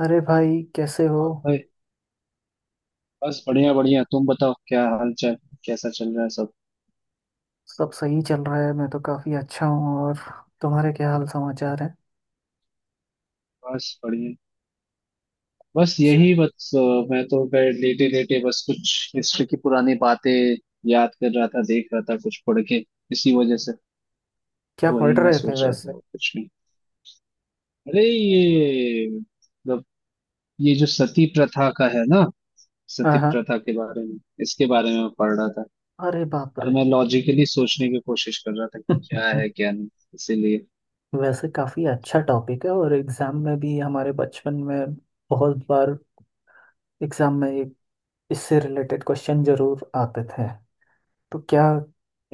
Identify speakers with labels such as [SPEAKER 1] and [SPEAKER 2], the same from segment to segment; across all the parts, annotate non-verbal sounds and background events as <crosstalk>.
[SPEAKER 1] अरे भाई, कैसे हो।
[SPEAKER 2] और भाई। बस बढ़िया बढ़िया, तुम बताओ क्या हाल चाल, कैसा चल रहा है सब।
[SPEAKER 1] सब सही चल रहा है। मैं तो काफी अच्छा हूँ और तुम्हारे क्या हाल समाचार है।
[SPEAKER 2] बस बढ़िया। बस
[SPEAKER 1] अच्छा।
[SPEAKER 2] यही बस मैं तो गए लेटे लेटे बस कुछ हिस्ट्री की पुरानी बातें याद कर रहा था, देख रहा था कुछ पढ़ के, इसी वजह से।
[SPEAKER 1] क्या
[SPEAKER 2] तो वही
[SPEAKER 1] पढ़
[SPEAKER 2] मैं
[SPEAKER 1] रहे थे
[SPEAKER 2] सोच रहा
[SPEAKER 1] वैसे?
[SPEAKER 2] था और कुछ नहीं। अरे ये मतलब ये जो सती प्रथा का है ना,
[SPEAKER 1] हाँ,
[SPEAKER 2] सती
[SPEAKER 1] हाँ।
[SPEAKER 2] प्रथा के बारे में, इसके बारे में मैं पढ़ रहा था।
[SPEAKER 1] अरे बाप
[SPEAKER 2] और
[SPEAKER 1] रे।
[SPEAKER 2] मैं लॉजिकली सोचने की कोशिश कर रहा था कि क्या
[SPEAKER 1] <laughs>
[SPEAKER 2] है क्या नहीं, इसीलिए।
[SPEAKER 1] वैसे काफी अच्छा टॉपिक है, और एग्जाम में भी हमारे बचपन में बहुत बार एग्जाम में इससे रिलेटेड क्वेश्चन जरूर आते थे। तो क्या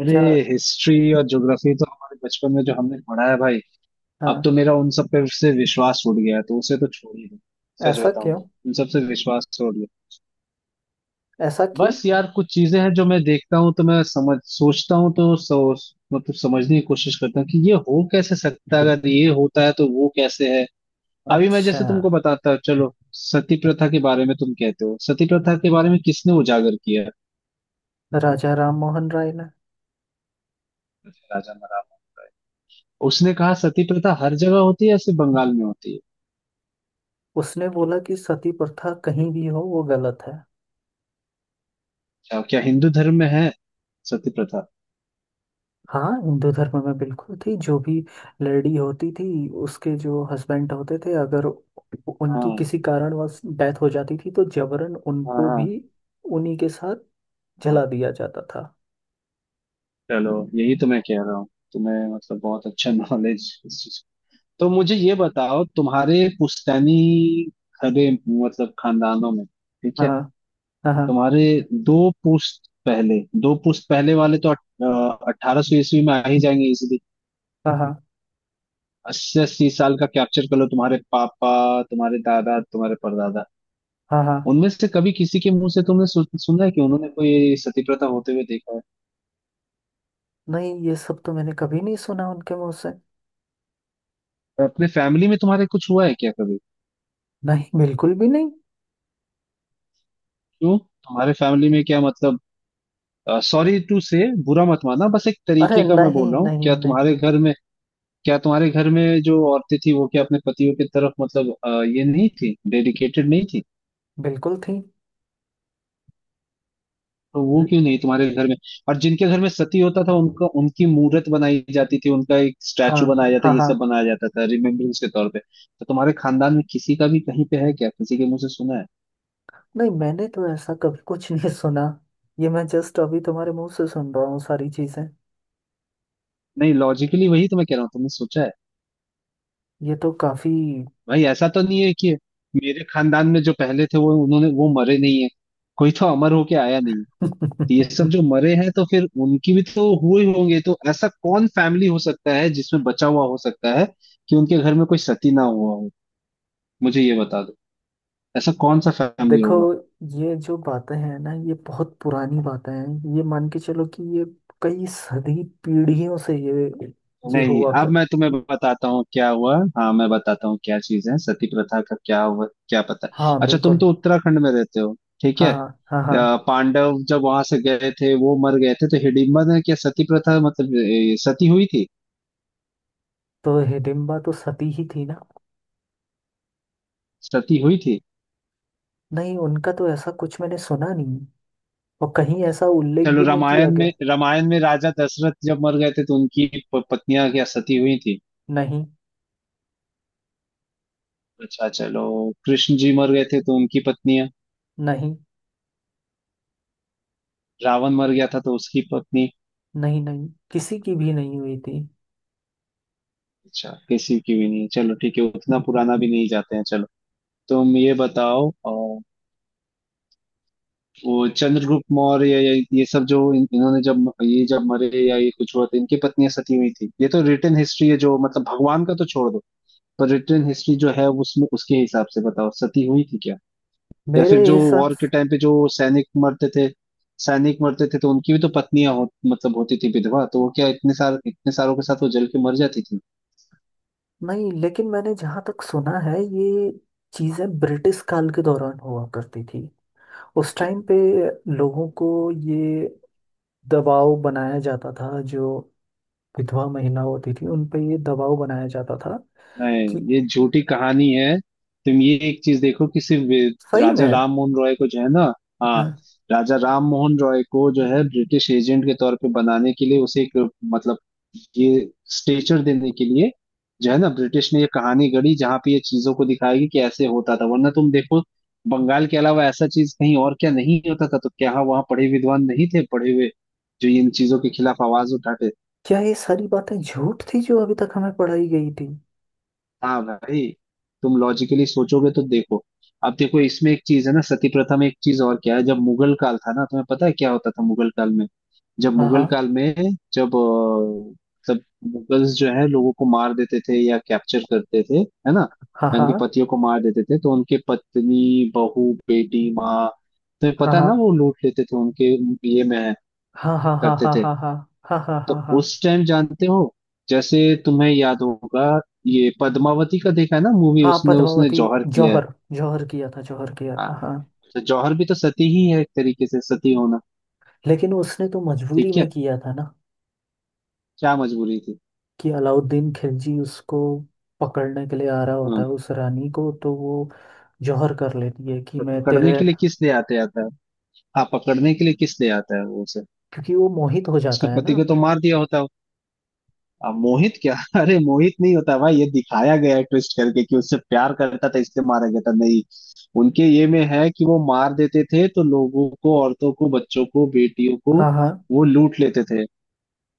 [SPEAKER 2] अरे
[SPEAKER 1] क्या।
[SPEAKER 2] हिस्ट्री और ज्योग्राफी तो हमारे बचपन में जो हमने पढ़ा है भाई, अब
[SPEAKER 1] हाँ।
[SPEAKER 2] तो मेरा उन सब पे से विश्वास उड़ गया है तो उसे तो छोड़ ही दो। सच
[SPEAKER 1] ऐसा
[SPEAKER 2] बताऊं
[SPEAKER 1] क्यों?
[SPEAKER 2] तो उन सब से विश्वास छोड़ गया।
[SPEAKER 1] ऐसा क्यों?
[SPEAKER 2] बस यार कुछ चीजें हैं जो मैं देखता हूँ, तो मैं समझ सोचता हूँ तो सोच मतलब समझने की कोशिश करता हूँ कि ये हो कैसे सकता है, अगर
[SPEAKER 1] <laughs>
[SPEAKER 2] ये होता है तो वो कैसे है। अभी मैं
[SPEAKER 1] अच्छा।
[SPEAKER 2] जैसे तुमको बताता हूँ, चलो सती प्रथा के बारे में, तुम कहते हो सती प्रथा के बारे में किसने उजागर किया है?
[SPEAKER 1] राजा राम मोहन राय।
[SPEAKER 2] राजा मराठा। उसने कहा सती प्रथा हर जगह होती है या सिर्फ बंगाल में होती है।
[SPEAKER 1] उसने बोला कि सती प्रथा कहीं भी हो, वो गलत है।
[SPEAKER 2] अच्छा, क्या हिंदू धर्म में है सती प्रथा?
[SPEAKER 1] हाँ, हिंदू धर्म में बिल्कुल थी। जो भी लेडी होती थी, उसके जो हस्बैंड होते थे, अगर उनकी किसी
[SPEAKER 2] हाँ
[SPEAKER 1] कारणवश डेथ हो जाती थी तो जबरन
[SPEAKER 2] हाँ
[SPEAKER 1] उनको भी
[SPEAKER 2] हाँ
[SPEAKER 1] उन्हीं के साथ
[SPEAKER 2] हाँ।
[SPEAKER 1] जला दिया जाता था।
[SPEAKER 2] चलो यही तो मैं कह रहा हूँ। तुम्हें मतलब बहुत अच्छा <laughs> नॉलेज इस चीज। तो मुझे ये बताओ तुम्हारे पुश्तैनी घरे, मतलब खानदानों में, ठीक
[SPEAKER 1] हाँ,
[SPEAKER 2] है?
[SPEAKER 1] हाँ, हाँ,
[SPEAKER 2] तुम्हारे दो पुश्त पहले, दो पुश्त पहले वाले तो 1800 ईस्वी में आ ही जाएंगे इजिली।
[SPEAKER 1] हाँ, हाँ,
[SPEAKER 2] अस्सी अस्सी साल का कैप्चर कर लो। तुम्हारे पापा, तुम्हारे दादा, तुम्हारे परदादा,
[SPEAKER 1] हाँ, हाँ।
[SPEAKER 2] उनमें से कभी किसी के मुंह से तुमने सुना है कि उन्होंने कोई सती प्रथा होते हुए देखा है?
[SPEAKER 1] नहीं, ये सब तो मैंने कभी नहीं सुना उनके मुंह से।
[SPEAKER 2] अपने फैमिली में तुम्हारे कुछ हुआ है क्या कभी?
[SPEAKER 1] नहीं, बिल्कुल भी नहीं।
[SPEAKER 2] क्यों तुम्हारे फैमिली में क्या मतलब, सॉरी टू से, बुरा मत मानना, बस एक
[SPEAKER 1] अरे
[SPEAKER 2] तरीके का मैं
[SPEAKER 1] नहीं,
[SPEAKER 2] बोल रहा हूँ
[SPEAKER 1] नहीं,
[SPEAKER 2] क्या
[SPEAKER 1] नहीं,
[SPEAKER 2] तुम्हारे
[SPEAKER 1] नहीं।
[SPEAKER 2] घर में, क्या तुम्हारे घर में जो औरतें थी वो क्या अपने पतियों की तरफ मतलब ये नहीं थी, डेडिकेटेड नहीं थी?
[SPEAKER 1] बिल्कुल थी।
[SPEAKER 2] तो वो
[SPEAKER 1] ल-
[SPEAKER 2] क्यों नहीं तुम्हारे घर में? और जिनके घर में सती होता था उनका उनकी मूर्त बनाई जाती थी, उनका एक
[SPEAKER 1] हाँ,
[SPEAKER 2] स्टैचू बनाया जाता,
[SPEAKER 1] हाँ,
[SPEAKER 2] ये
[SPEAKER 1] हाँ।
[SPEAKER 2] सब बनाया जाता था रिमेम्बरेंस के तौर पे। तो तुम्हारे खानदान में किसी का भी कहीं पे है क्या, किसी के मुंह से सुना है?
[SPEAKER 1] नहीं, मैंने तो ऐसा कभी कुछ नहीं सुना। ये मैं जस्ट अभी तुम्हारे मुंह से सुन रहा हूँ सारी चीजें।
[SPEAKER 2] नहीं लॉजिकली वही तो मैं कह रहा हूँ, तुमने सोचा है?
[SPEAKER 1] ये तो काफी।
[SPEAKER 2] भाई ऐसा तो नहीं है कि मेरे खानदान में जो पहले थे वो उन्होंने वो मरे नहीं है, कोई तो अमर होके आया नहीं है। ये सब जो
[SPEAKER 1] <laughs>
[SPEAKER 2] मरे हैं तो फिर उनकी भी तो हुए होंगे, तो ऐसा कौन फैमिली हो सकता है जिसमें बचा हुआ हो सकता है कि उनके घर में कोई सती ना हुआ हो? मुझे ये बता दो, ऐसा कौन सा फैमिली
[SPEAKER 1] देखो,
[SPEAKER 2] होगा?
[SPEAKER 1] ये जो बातें हैं ना, ये बहुत पुरानी बातें हैं। ये मान के चलो कि ये कई सदी पीढ़ियों से ये
[SPEAKER 2] नहीं
[SPEAKER 1] हुआ
[SPEAKER 2] अब
[SPEAKER 1] कर।
[SPEAKER 2] मैं तुम्हें बताता हूँ क्या हुआ, हाँ मैं बताता हूँ क्या चीज है सती प्रथा का क्या हुआ, क्या पता है?
[SPEAKER 1] हाँ,
[SPEAKER 2] अच्छा तुम
[SPEAKER 1] बिल्कुल।
[SPEAKER 2] तो उत्तराखंड में रहते हो, ठीक
[SPEAKER 1] हाँ,
[SPEAKER 2] है।
[SPEAKER 1] हाँ, हाँ, हाँ।
[SPEAKER 2] पांडव जब वहां से गए थे, वो मर गए थे, तो हिडिंबा ने क्या सती प्रथा मतलब सती हुई थी?
[SPEAKER 1] तो हिडिम्बा तो सती ही थी ना?
[SPEAKER 2] सती हुई थी?
[SPEAKER 1] नहीं, उनका तो ऐसा कुछ मैंने सुना नहीं। और कहीं ऐसा उल्लेख
[SPEAKER 2] चलो
[SPEAKER 1] भी नहीं किया
[SPEAKER 2] रामायण
[SPEAKER 1] गया।
[SPEAKER 2] में, रामायण में राजा दशरथ जब मर गए थे तो उनकी पत्नियां क्या सती हुई थी?
[SPEAKER 1] नहीं।
[SPEAKER 2] अच्छा चलो, कृष्ण जी मर गए थे तो उनकी पत्नियां?
[SPEAKER 1] नहीं,
[SPEAKER 2] रावण मर गया था तो उसकी पत्नी?
[SPEAKER 1] नहीं, नहीं, किसी की भी नहीं हुई थी।
[SPEAKER 2] अच्छा किसी की भी नहीं, चलो ठीक है, उतना पुराना भी नहीं जाते हैं चलो। तुम ये बताओ वो चंद्रगुप्त मौर्य या ये सब जो इन्होंने जब ये जब मरे या ये कुछ हुआ तो इनकी पत्नियां सती हुई थी? ये तो रिटर्न हिस्ट्री है, जो मतलब भगवान का तो छोड़ दो, पर रिटर्न हिस्ट्री जो है उसमें, उसके हिसाब से बताओ सती हुई थी क्या? या फिर
[SPEAKER 1] मेरे
[SPEAKER 2] जो
[SPEAKER 1] हिसाब
[SPEAKER 2] वॉर के
[SPEAKER 1] से।
[SPEAKER 2] टाइम पे जो सैनिक मरते थे, सैनिक मरते थे तो उनकी भी तो पत्नियां मतलब होती थी विधवा, तो वो क्या इतने सार इतने सारों के साथ वो जल के मर जाती थी?
[SPEAKER 1] नहीं, लेकिन मैंने जहाँ तक सुना है ये चीज़ें ब्रिटिश काल के दौरान हुआ करती थी। उस टाइम पे लोगों को ये दबाव बनाया जाता था, जो विधवा महिला होती थी उन पे ये दबाव बनाया जाता था
[SPEAKER 2] नहीं,
[SPEAKER 1] कि।
[SPEAKER 2] ये झूठी कहानी है। तुम ये एक चीज देखो कि सिर्फ
[SPEAKER 1] सही
[SPEAKER 2] राजा
[SPEAKER 1] में?
[SPEAKER 2] राम मोहन रॉय को जो है ना, हाँ
[SPEAKER 1] हाँ।
[SPEAKER 2] राजा राम मोहन रॉय को जो है ब्रिटिश एजेंट के तौर पे बनाने के लिए, उसे एक मतलब ये स्टेचर देने के लिए जो है ना, ब्रिटिश ने ये कहानी गढ़ी जहाँ पे ये चीजों को दिखाएगी कि ऐसे होता था। वरना तुम देखो, बंगाल के अलावा ऐसा चीज कहीं और क्या नहीं होता था? तो क्या वहाँ पढ़े विद्वान नहीं थे, पढ़े हुए, जो इन चीजों के खिलाफ आवाज उठाते?
[SPEAKER 1] क्या ये सारी बातें झूठ थी जो अभी तक हमें पढ़ाई गई थी?
[SPEAKER 2] हाँ भाई, तुम लॉजिकली सोचोगे तो देखो। अब देखो इसमें एक चीज है ना, सती प्रथा में एक चीज और क्या है, जब मुगल काल था ना, तुम्हें पता है क्या होता था मुगल काल में, जब
[SPEAKER 1] हाँ,
[SPEAKER 2] मुगल
[SPEAKER 1] हाँ,
[SPEAKER 2] काल में, जब तब मुगल्स जो है लोगों को मार देते थे या कैप्चर करते थे, है ना? या उनके
[SPEAKER 1] हाँ,
[SPEAKER 2] पतियों को मार देते थे तो उनके पत्नी, बहू, बेटी, माँ, तुम्हें पता है
[SPEAKER 1] हाँ,
[SPEAKER 2] ना, वो लूट लेते थे, उनके ये में
[SPEAKER 1] हाँ, हाँ, हाँ,
[SPEAKER 2] करते
[SPEAKER 1] हाँ,
[SPEAKER 2] थे।
[SPEAKER 1] हाँ, हाँ, हाँ, हाँ, हाँ, हाँ,
[SPEAKER 2] तो
[SPEAKER 1] हाँ, हाँ,
[SPEAKER 2] उस टाइम जानते हो, जैसे तुम्हें याद होगा, ये पद्मावती का देखा है ना मूवी,
[SPEAKER 1] हाँ।
[SPEAKER 2] उसने उसने
[SPEAKER 1] पद्मावती।
[SPEAKER 2] जौहर किया है।
[SPEAKER 1] जौहर जौहर किया था, जौहर किया था,
[SPEAKER 2] हाँ,
[SPEAKER 1] हाँ।
[SPEAKER 2] तो जौहर भी तो सती ही है एक तरीके से सती होना।
[SPEAKER 1] लेकिन उसने तो मजबूरी
[SPEAKER 2] ठीक
[SPEAKER 1] में
[SPEAKER 2] है,
[SPEAKER 1] किया था ना?
[SPEAKER 2] क्या मजबूरी थी?
[SPEAKER 1] कि अलाउद्दीन खिलजी उसको पकड़ने के लिए आ रहा होता
[SPEAKER 2] हाँ
[SPEAKER 1] है उस रानी को, तो वो जौहर कर लेती है कि
[SPEAKER 2] तो
[SPEAKER 1] मैं
[SPEAKER 2] पकड़ने
[SPEAKER 1] तेरे।
[SPEAKER 2] के लिए किस ले आते आता है, हाँ पकड़ने के लिए किस ले आता है वो उसे?
[SPEAKER 1] क्योंकि वो मोहित हो
[SPEAKER 2] उसके
[SPEAKER 1] जाता है
[SPEAKER 2] पति
[SPEAKER 1] ना।
[SPEAKER 2] को तो मार दिया होता है। अब मोहित क्या? <laughs> अरे मोहित नहीं होता भाई, ये दिखाया गया है ट्विस्ट करके कि उससे प्यार करता था इसलिए मारा गया था, नहीं। उनके ये में है कि वो मार देते थे तो लोगों को, औरतों को, बच्चों को, बेटियों को
[SPEAKER 1] हाँ, हाँ,
[SPEAKER 2] वो लूट लेते थे,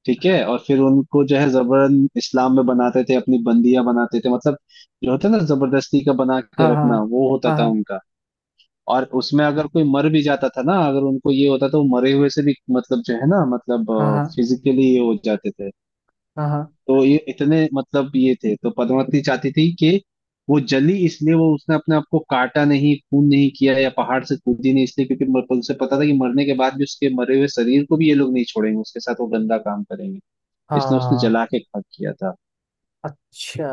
[SPEAKER 2] ठीक है। और फिर उनको जो है जबरन इस्लाम में बनाते थे, अपनी बंदियां बनाते थे मतलब, जो होता है ना जबरदस्ती का बना
[SPEAKER 1] हाँ,
[SPEAKER 2] के
[SPEAKER 1] हाँ,
[SPEAKER 2] रखना, वो होता था
[SPEAKER 1] हाँ,
[SPEAKER 2] उनका। और उसमें अगर कोई मर भी जाता था ना, अगर उनको ये होता तो वो मरे हुए से भी मतलब जो है ना मतलब
[SPEAKER 1] हाँ, हाँ, हाँ,
[SPEAKER 2] फिजिकली ये हो जाते थे।
[SPEAKER 1] हाँ, हाँ,
[SPEAKER 2] तो ये इतने मतलब ये थे, तो पद्मावती चाहती थी कि वो जली इसलिए, वो उसने अपने आप को काटा नहीं, खून नहीं किया या पहाड़ से कूदी नहीं, इसलिए क्योंकि तो उसे पता था कि मरने के बाद भी उसके मरे हुए शरीर को भी ये लोग नहीं छोड़ेंगे, उसके साथ वो गंदा काम करेंगे, इसने उसने
[SPEAKER 1] हाँ।
[SPEAKER 2] जला के खाक किया था।
[SPEAKER 1] अच्छा।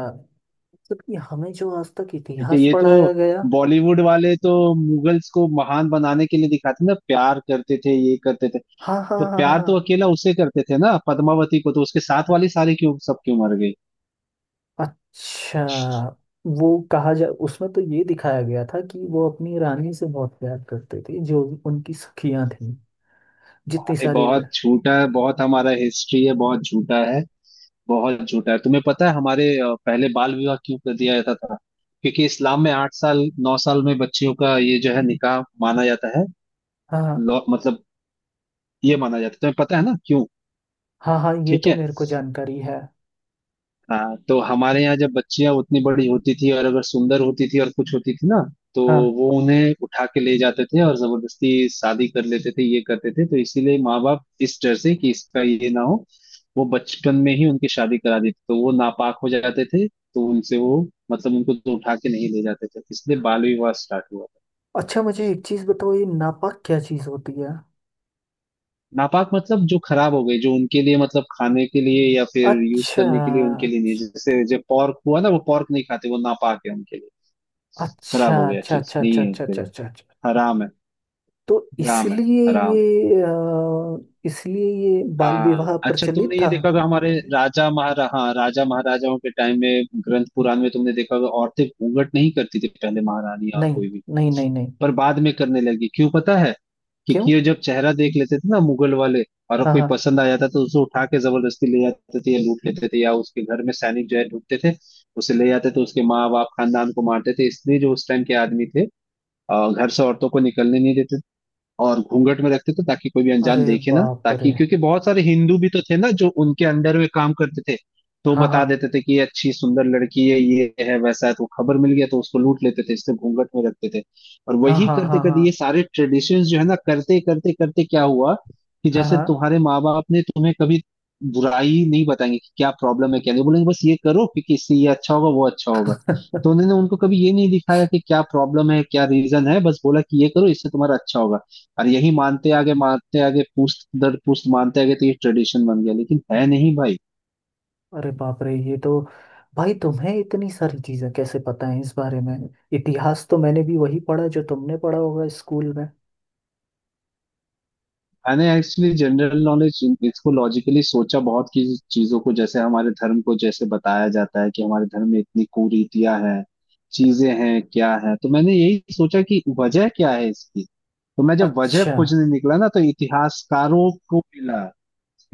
[SPEAKER 1] मतलब कि हमें जो आज तक
[SPEAKER 2] ठीक है,
[SPEAKER 1] इतिहास
[SPEAKER 2] ये तो
[SPEAKER 1] पढ़ाया गया।
[SPEAKER 2] बॉलीवुड वाले तो मुगल्स को महान बनाने के लिए दिखाते ना, प्यार करते थे, ये करते थे।
[SPEAKER 1] हाँ, हाँ,
[SPEAKER 2] तो
[SPEAKER 1] हाँ, हाँ,
[SPEAKER 2] प्यार
[SPEAKER 1] हाँ।
[SPEAKER 2] तो अकेला उसे करते थे ना पद्मावती को, तो उसके साथ वाली सारी क्यों सब क्यों मर गई?
[SPEAKER 1] अच्छा। वो कहा जा, उसमें तो ये दिखाया गया था कि वो अपनी रानी से बहुत प्यार करते थे। जो उनकी सखियां थी, जितनी
[SPEAKER 2] अरे
[SPEAKER 1] सारी
[SPEAKER 2] बहुत झूठा है, बहुत हमारा हिस्ट्री है बहुत झूठा है, बहुत झूठा है। तुम्हें पता है हमारे पहले बाल विवाह क्यों कर दिया जाता था? क्योंकि इस्लाम में 8 साल, 9 साल में बच्चियों का ये जो है निकाह माना जाता है।
[SPEAKER 1] हाँ, हाँ,
[SPEAKER 2] मतलब ये माना जाता है, तुम्हें पता है ना क्यों?
[SPEAKER 1] हाँ, हाँ। ये
[SPEAKER 2] ठीक
[SPEAKER 1] तो
[SPEAKER 2] है।
[SPEAKER 1] मेरे को जानकारी है।
[SPEAKER 2] हाँ तो हमारे यहाँ जब बच्चियां उतनी बड़ी होती थी और अगर सुंदर होती थी और कुछ होती थी ना, तो
[SPEAKER 1] हाँ।
[SPEAKER 2] वो उन्हें उठा के ले जाते थे और जबरदस्ती शादी कर लेते थे, ये करते थे। तो इसीलिए माँ बाप इस डर से कि इसका ये ना हो, वो बचपन में ही उनकी शादी करा देते तो वो नापाक हो जाते थे, तो उनसे वो मतलब उनको तो उठा के नहीं ले जाते थे, इसलिए बाल विवाह स्टार्ट हुआ था।
[SPEAKER 1] अच्छा, मुझे एक चीज़ बताओ, ये नापाक क्या चीज़ होती है?
[SPEAKER 2] नापाक मतलब जो खराब हो गए, जो उनके लिए मतलब खाने के लिए या फिर यूज
[SPEAKER 1] अच्छा,
[SPEAKER 2] करने के लिए उनके लिए नहीं, जैसे जो पॉर्क हुआ ना वो पॉर्क नहीं खाते, वो नापाक है उनके लिए,
[SPEAKER 1] अच्छा,
[SPEAKER 2] खराब हो गया
[SPEAKER 1] अच्छा,
[SPEAKER 2] चीज
[SPEAKER 1] अच्छा,
[SPEAKER 2] नहीं
[SPEAKER 1] अच्छा,
[SPEAKER 2] है
[SPEAKER 1] अच्छा, अच्छा,
[SPEAKER 2] फिर।
[SPEAKER 1] अच्छा, अच्छा।
[SPEAKER 2] हराम है,
[SPEAKER 1] तो
[SPEAKER 2] हराम है,
[SPEAKER 1] इसलिए।
[SPEAKER 2] हराम।
[SPEAKER 1] ये अ, इसलिए ये बाल
[SPEAKER 2] हाँ
[SPEAKER 1] विवाह
[SPEAKER 2] अच्छा,
[SPEAKER 1] प्रचलित
[SPEAKER 2] तुमने ये
[SPEAKER 1] था।
[SPEAKER 2] देखा होगा हमारे राजा महारा हाँ राजा महाराजाओं के टाइम में, ग्रंथ पुराण में तुमने देखा होगा औरतें घूंघट नहीं करती थी पहले, महारानी और
[SPEAKER 1] नहीं,
[SPEAKER 2] कोई भी।
[SPEAKER 1] नहीं, नहीं। नहीं
[SPEAKER 2] पर बाद में करने लगी, क्यों पता है?
[SPEAKER 1] क्यों?
[SPEAKER 2] क्योंकि ये जब चेहरा देख लेते थे ना मुगल वाले और
[SPEAKER 1] हाँ,
[SPEAKER 2] कोई
[SPEAKER 1] हाँ।
[SPEAKER 2] पसंद आ जाता तो उसे उठा के जबरदस्ती ले जाते थे या लूट लेते थे, या उसके घर में सैनिक जो है ढूंढते थे, उसे ले जाते थे, उसके माँ बाप खानदान को मारते थे। इसलिए जो उस टाइम के आदमी थे, घर से औरतों को निकलने नहीं देते, और घूंघट में रखते थे ताकि कोई भी
[SPEAKER 1] अरे
[SPEAKER 2] अनजान देखे ना,
[SPEAKER 1] बाप रे।
[SPEAKER 2] ताकि क्योंकि बहुत सारे हिंदू भी तो थे ना जो उनके अंडर में काम करते थे, तो
[SPEAKER 1] हाँ,
[SPEAKER 2] बता
[SPEAKER 1] हाँ,
[SPEAKER 2] देते थे कि ये अच्छी सुंदर लड़की है, ये है वैसा है, तो खबर मिल गया तो उसको लूट लेते थे, इसलिए घूंघट में रखते थे। और
[SPEAKER 1] हाँ,
[SPEAKER 2] वही
[SPEAKER 1] हाँ,
[SPEAKER 2] करते
[SPEAKER 1] हाँ,
[SPEAKER 2] करते ये
[SPEAKER 1] हाँ,
[SPEAKER 2] सारे ट्रेडिशंस जो है ना, करते करते करते क्या हुआ कि,
[SPEAKER 1] हाँ,
[SPEAKER 2] जैसे
[SPEAKER 1] हाँ।
[SPEAKER 2] तुम्हारे माँ बाप ने तुम्हें कभी बुराई नहीं बताएंगे कि क्या प्रॉब्लम है, क्या नहीं बोलेंगे, बस ये करो क्योंकि इससे ये अच्छा होगा वो अच्छा होगा, तो उन्होंने उनको कभी ये नहीं दिखाया कि क्या प्रॉब्लम है, क्या रीजन है, बस बोला कि ये करो इससे तुम्हारा अच्छा होगा, और यही मानते आगे पुश्त दर पुश्त मानते आगे, तो ये ट्रेडिशन बन गया, लेकिन है नहीं भाई।
[SPEAKER 1] अरे बाप रे, ये तो। भाई, तुम्हें इतनी सारी चीजें कैसे पता है इस बारे में? इतिहास तो मैंने भी वही पढ़ा जो तुमने पढ़ा होगा स्कूल में।
[SPEAKER 2] मैंने एक्चुअली जनरल नॉलेज इसको लॉजिकली सोचा बहुत की, चीजों को जैसे हमारे धर्म को जैसे बताया जाता है कि हमारे धर्म में इतनी कुरीतियां हैं, चीजें हैं क्या है, तो मैंने यही सोचा कि वजह क्या है इसकी, तो मैं जब वजह
[SPEAKER 1] अच्छा।
[SPEAKER 2] खोजने निकला ना, तो इतिहासकारों को मिला,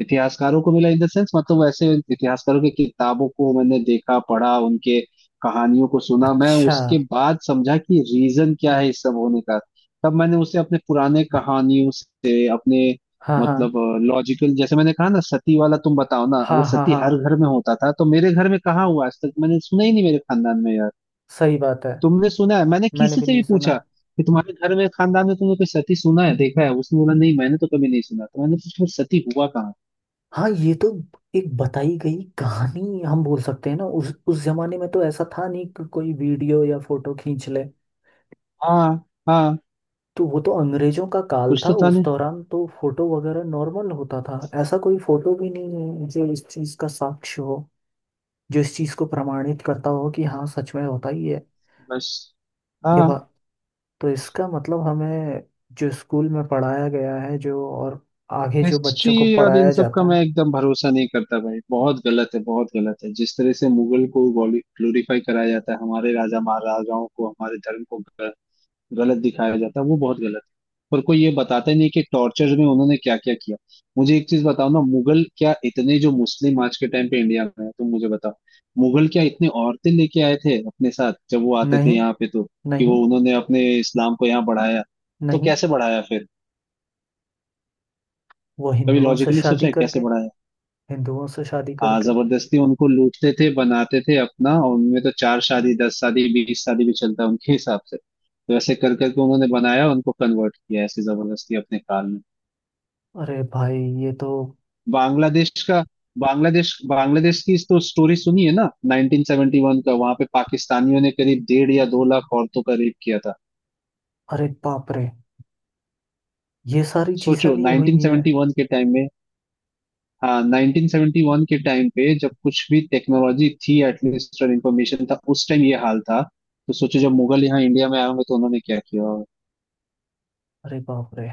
[SPEAKER 2] इतिहासकारों को मिला इन द सेंस, मतलब वैसे इतिहासकारों की किताबों को मैंने देखा पढ़ा, उनके कहानियों को सुना, मैं
[SPEAKER 1] अच्छा।
[SPEAKER 2] उसके बाद समझा कि रीजन क्या है इस सब होने का। तब मैंने उसे अपने पुराने कहानियों से अपने,
[SPEAKER 1] हाँ, हाँ,
[SPEAKER 2] मतलब लॉजिकल, जैसे मैंने कहा ना सती वाला, तुम बताओ ना
[SPEAKER 1] हाँ,
[SPEAKER 2] अगर
[SPEAKER 1] हाँ,
[SPEAKER 2] सती
[SPEAKER 1] हाँ।
[SPEAKER 2] हर घर में होता था तो मेरे घर में कहाँ हुआ, आज तक मैंने सुना ही नहीं मेरे खानदान में यार।
[SPEAKER 1] सही बात है।
[SPEAKER 2] तुमने सुना है? मैंने
[SPEAKER 1] मैंने
[SPEAKER 2] किसी
[SPEAKER 1] भी
[SPEAKER 2] से
[SPEAKER 1] नहीं
[SPEAKER 2] भी
[SPEAKER 1] सुना।
[SPEAKER 2] पूछा कि तुम्हारे घर में खानदान में तुमने कोई सती सुना है, देखा है, उसने बोला नहीं मैंने तो कभी नहीं सुना, तो मैंने पूछा फिर सती हुआ कहाँ?
[SPEAKER 1] हाँ, ये तो एक बताई गई कहानी हम बोल सकते हैं ना। उस जमाने में तो ऐसा था नहीं कि कोई वीडियो या फोटो खींच ले।
[SPEAKER 2] हाँ हाँ,
[SPEAKER 1] तो वो तो अंग्रेजों का काल
[SPEAKER 2] कुछ
[SPEAKER 1] था,
[SPEAKER 2] तो था
[SPEAKER 1] उस
[SPEAKER 2] नहीं,
[SPEAKER 1] दौरान तो फोटो वगैरह नॉर्मल होता था। ऐसा कोई फोटो भी नहीं है जो इस चीज का साक्ष्य हो। जो इस चीज को प्रमाणित करता हो कि हाँ, सच में होता ही है।
[SPEAKER 2] बस।
[SPEAKER 1] ये
[SPEAKER 2] हाँ
[SPEAKER 1] बात। तो इसका मतलब हमें। जो स्कूल में पढ़ाया गया है, जो और आगे जो
[SPEAKER 2] हिस्ट्री
[SPEAKER 1] बच्चों को
[SPEAKER 2] और इन
[SPEAKER 1] पढ़ाया
[SPEAKER 2] सब का
[SPEAKER 1] जाता है।
[SPEAKER 2] मैं एकदम भरोसा नहीं करता भाई, बहुत गलत है बहुत गलत है, जिस तरह से मुगल को ग्लोरीफाई कराया जाता है, हमारे राजा महाराजाओं को, हमारे धर्म को गलत दिखाया जाता है, वो बहुत गलत है। पर कोई ये बताता ही नहीं कि टॉर्चर में उन्होंने क्या क्या किया। मुझे एक चीज बताओ ना, मुगल क्या इतने, जो मुस्लिम आज के टाइम पे इंडिया में है, तुम मुझे बताओ मुगल क्या इतने औरतें लेके आए थे अपने साथ जब वो आते थे
[SPEAKER 1] नहीं,
[SPEAKER 2] यहाँ पे? तो कि वो
[SPEAKER 1] नहीं,
[SPEAKER 2] उन्होंने अपने इस्लाम को यहाँ बढ़ाया, तो
[SPEAKER 1] नहीं।
[SPEAKER 2] कैसे बढ़ाया फिर?
[SPEAKER 1] वो
[SPEAKER 2] कभी
[SPEAKER 1] हिंदुओं से
[SPEAKER 2] लॉजिकली
[SPEAKER 1] शादी
[SPEAKER 2] सोचा है
[SPEAKER 1] करके।
[SPEAKER 2] कैसे बढ़ाया?
[SPEAKER 1] हिंदुओं से शादी
[SPEAKER 2] हाँ,
[SPEAKER 1] करके।
[SPEAKER 2] जबरदस्ती उनको लूटते थे, बनाते थे अपना, और उनमें तो चार शादी दस शादी बीस शादी भी चलता है उनके हिसाब से, तो ऐसे कर करके उन्होंने बनाया, उनको कन्वर्ट किया ऐसे जबरदस्ती अपने काल में।
[SPEAKER 1] अरे भाई, ये तो।
[SPEAKER 2] बांग्लादेश का, बांग्लादेश, बांग्लादेश की तो स्टोरी सुनी है ना, 1971 का, वहां पे पाकिस्तानियों ने करीब डेढ़ या 2 लाख औरतों का रेप किया था।
[SPEAKER 1] अरे बाप रे। ये सारी चीजें
[SPEAKER 2] सोचो
[SPEAKER 1] भी हुई हैं।
[SPEAKER 2] 1971 के टाइम में, हाँ 1971 के टाइम पे जब कुछ भी टेक्नोलॉजी थी एटलीस्ट और इंफॉर्मेशन था, उस टाइम ये हाल था। तो सोचो जब मुगल यहाँ इंडिया में आए होंगे तो उन्होंने क्या किया होगा।
[SPEAKER 1] अरे बाप रे।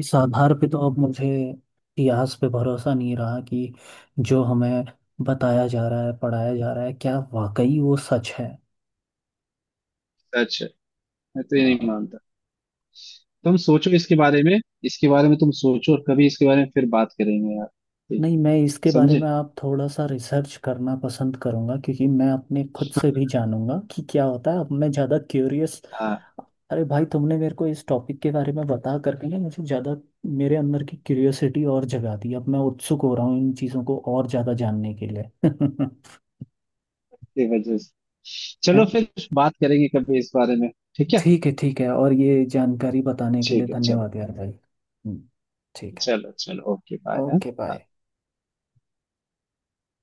[SPEAKER 1] इस आधार पे तो अब मुझे इतिहास पे भरोसा नहीं रहा कि जो हमें बताया जा रहा है, पढ़ाया जा रहा है, क्या वाकई वो सच है?
[SPEAKER 2] सच है, मैं तो
[SPEAKER 1] अ,
[SPEAKER 2] ये नहीं मानता। तुम सोचो इसके बारे में, इसके बारे में तुम सोचो और कभी इसके बारे में फिर बात करेंगे यार, ठीक
[SPEAKER 1] नहीं,
[SPEAKER 2] है,
[SPEAKER 1] मैं इसके बारे में
[SPEAKER 2] समझे?
[SPEAKER 1] आप थोड़ा सा रिसर्च करना पसंद करूंगा, क्योंकि मैं अपने खुद से भी जानूंगा कि क्या होता है। अब मैं ज़्यादा क्यूरियस।
[SPEAKER 2] हाँ
[SPEAKER 1] अरे भाई, तुमने मेरे को इस टॉपिक के बारे में बता करके ना मुझे ज़्यादा, मेरे अंदर की क्यूरियोसिटी और जगा दी। अब मैं उत्सुक हो रहा हूँ इन चीज़ों को और ज़्यादा जानने के लिए। <laughs>
[SPEAKER 2] की वजह से,
[SPEAKER 1] है
[SPEAKER 2] चलो
[SPEAKER 1] ना।
[SPEAKER 2] फिर बात करेंगे कभी इस बारे में। ठीक है,
[SPEAKER 1] ठीक है, ठीक है, और ये जानकारी बताने के लिए
[SPEAKER 2] ठीक है। चलो
[SPEAKER 1] धन्यवाद यार भाई। हम्म। ठीक है।
[SPEAKER 2] चलो चलो ओके बाय।
[SPEAKER 1] Okay bye.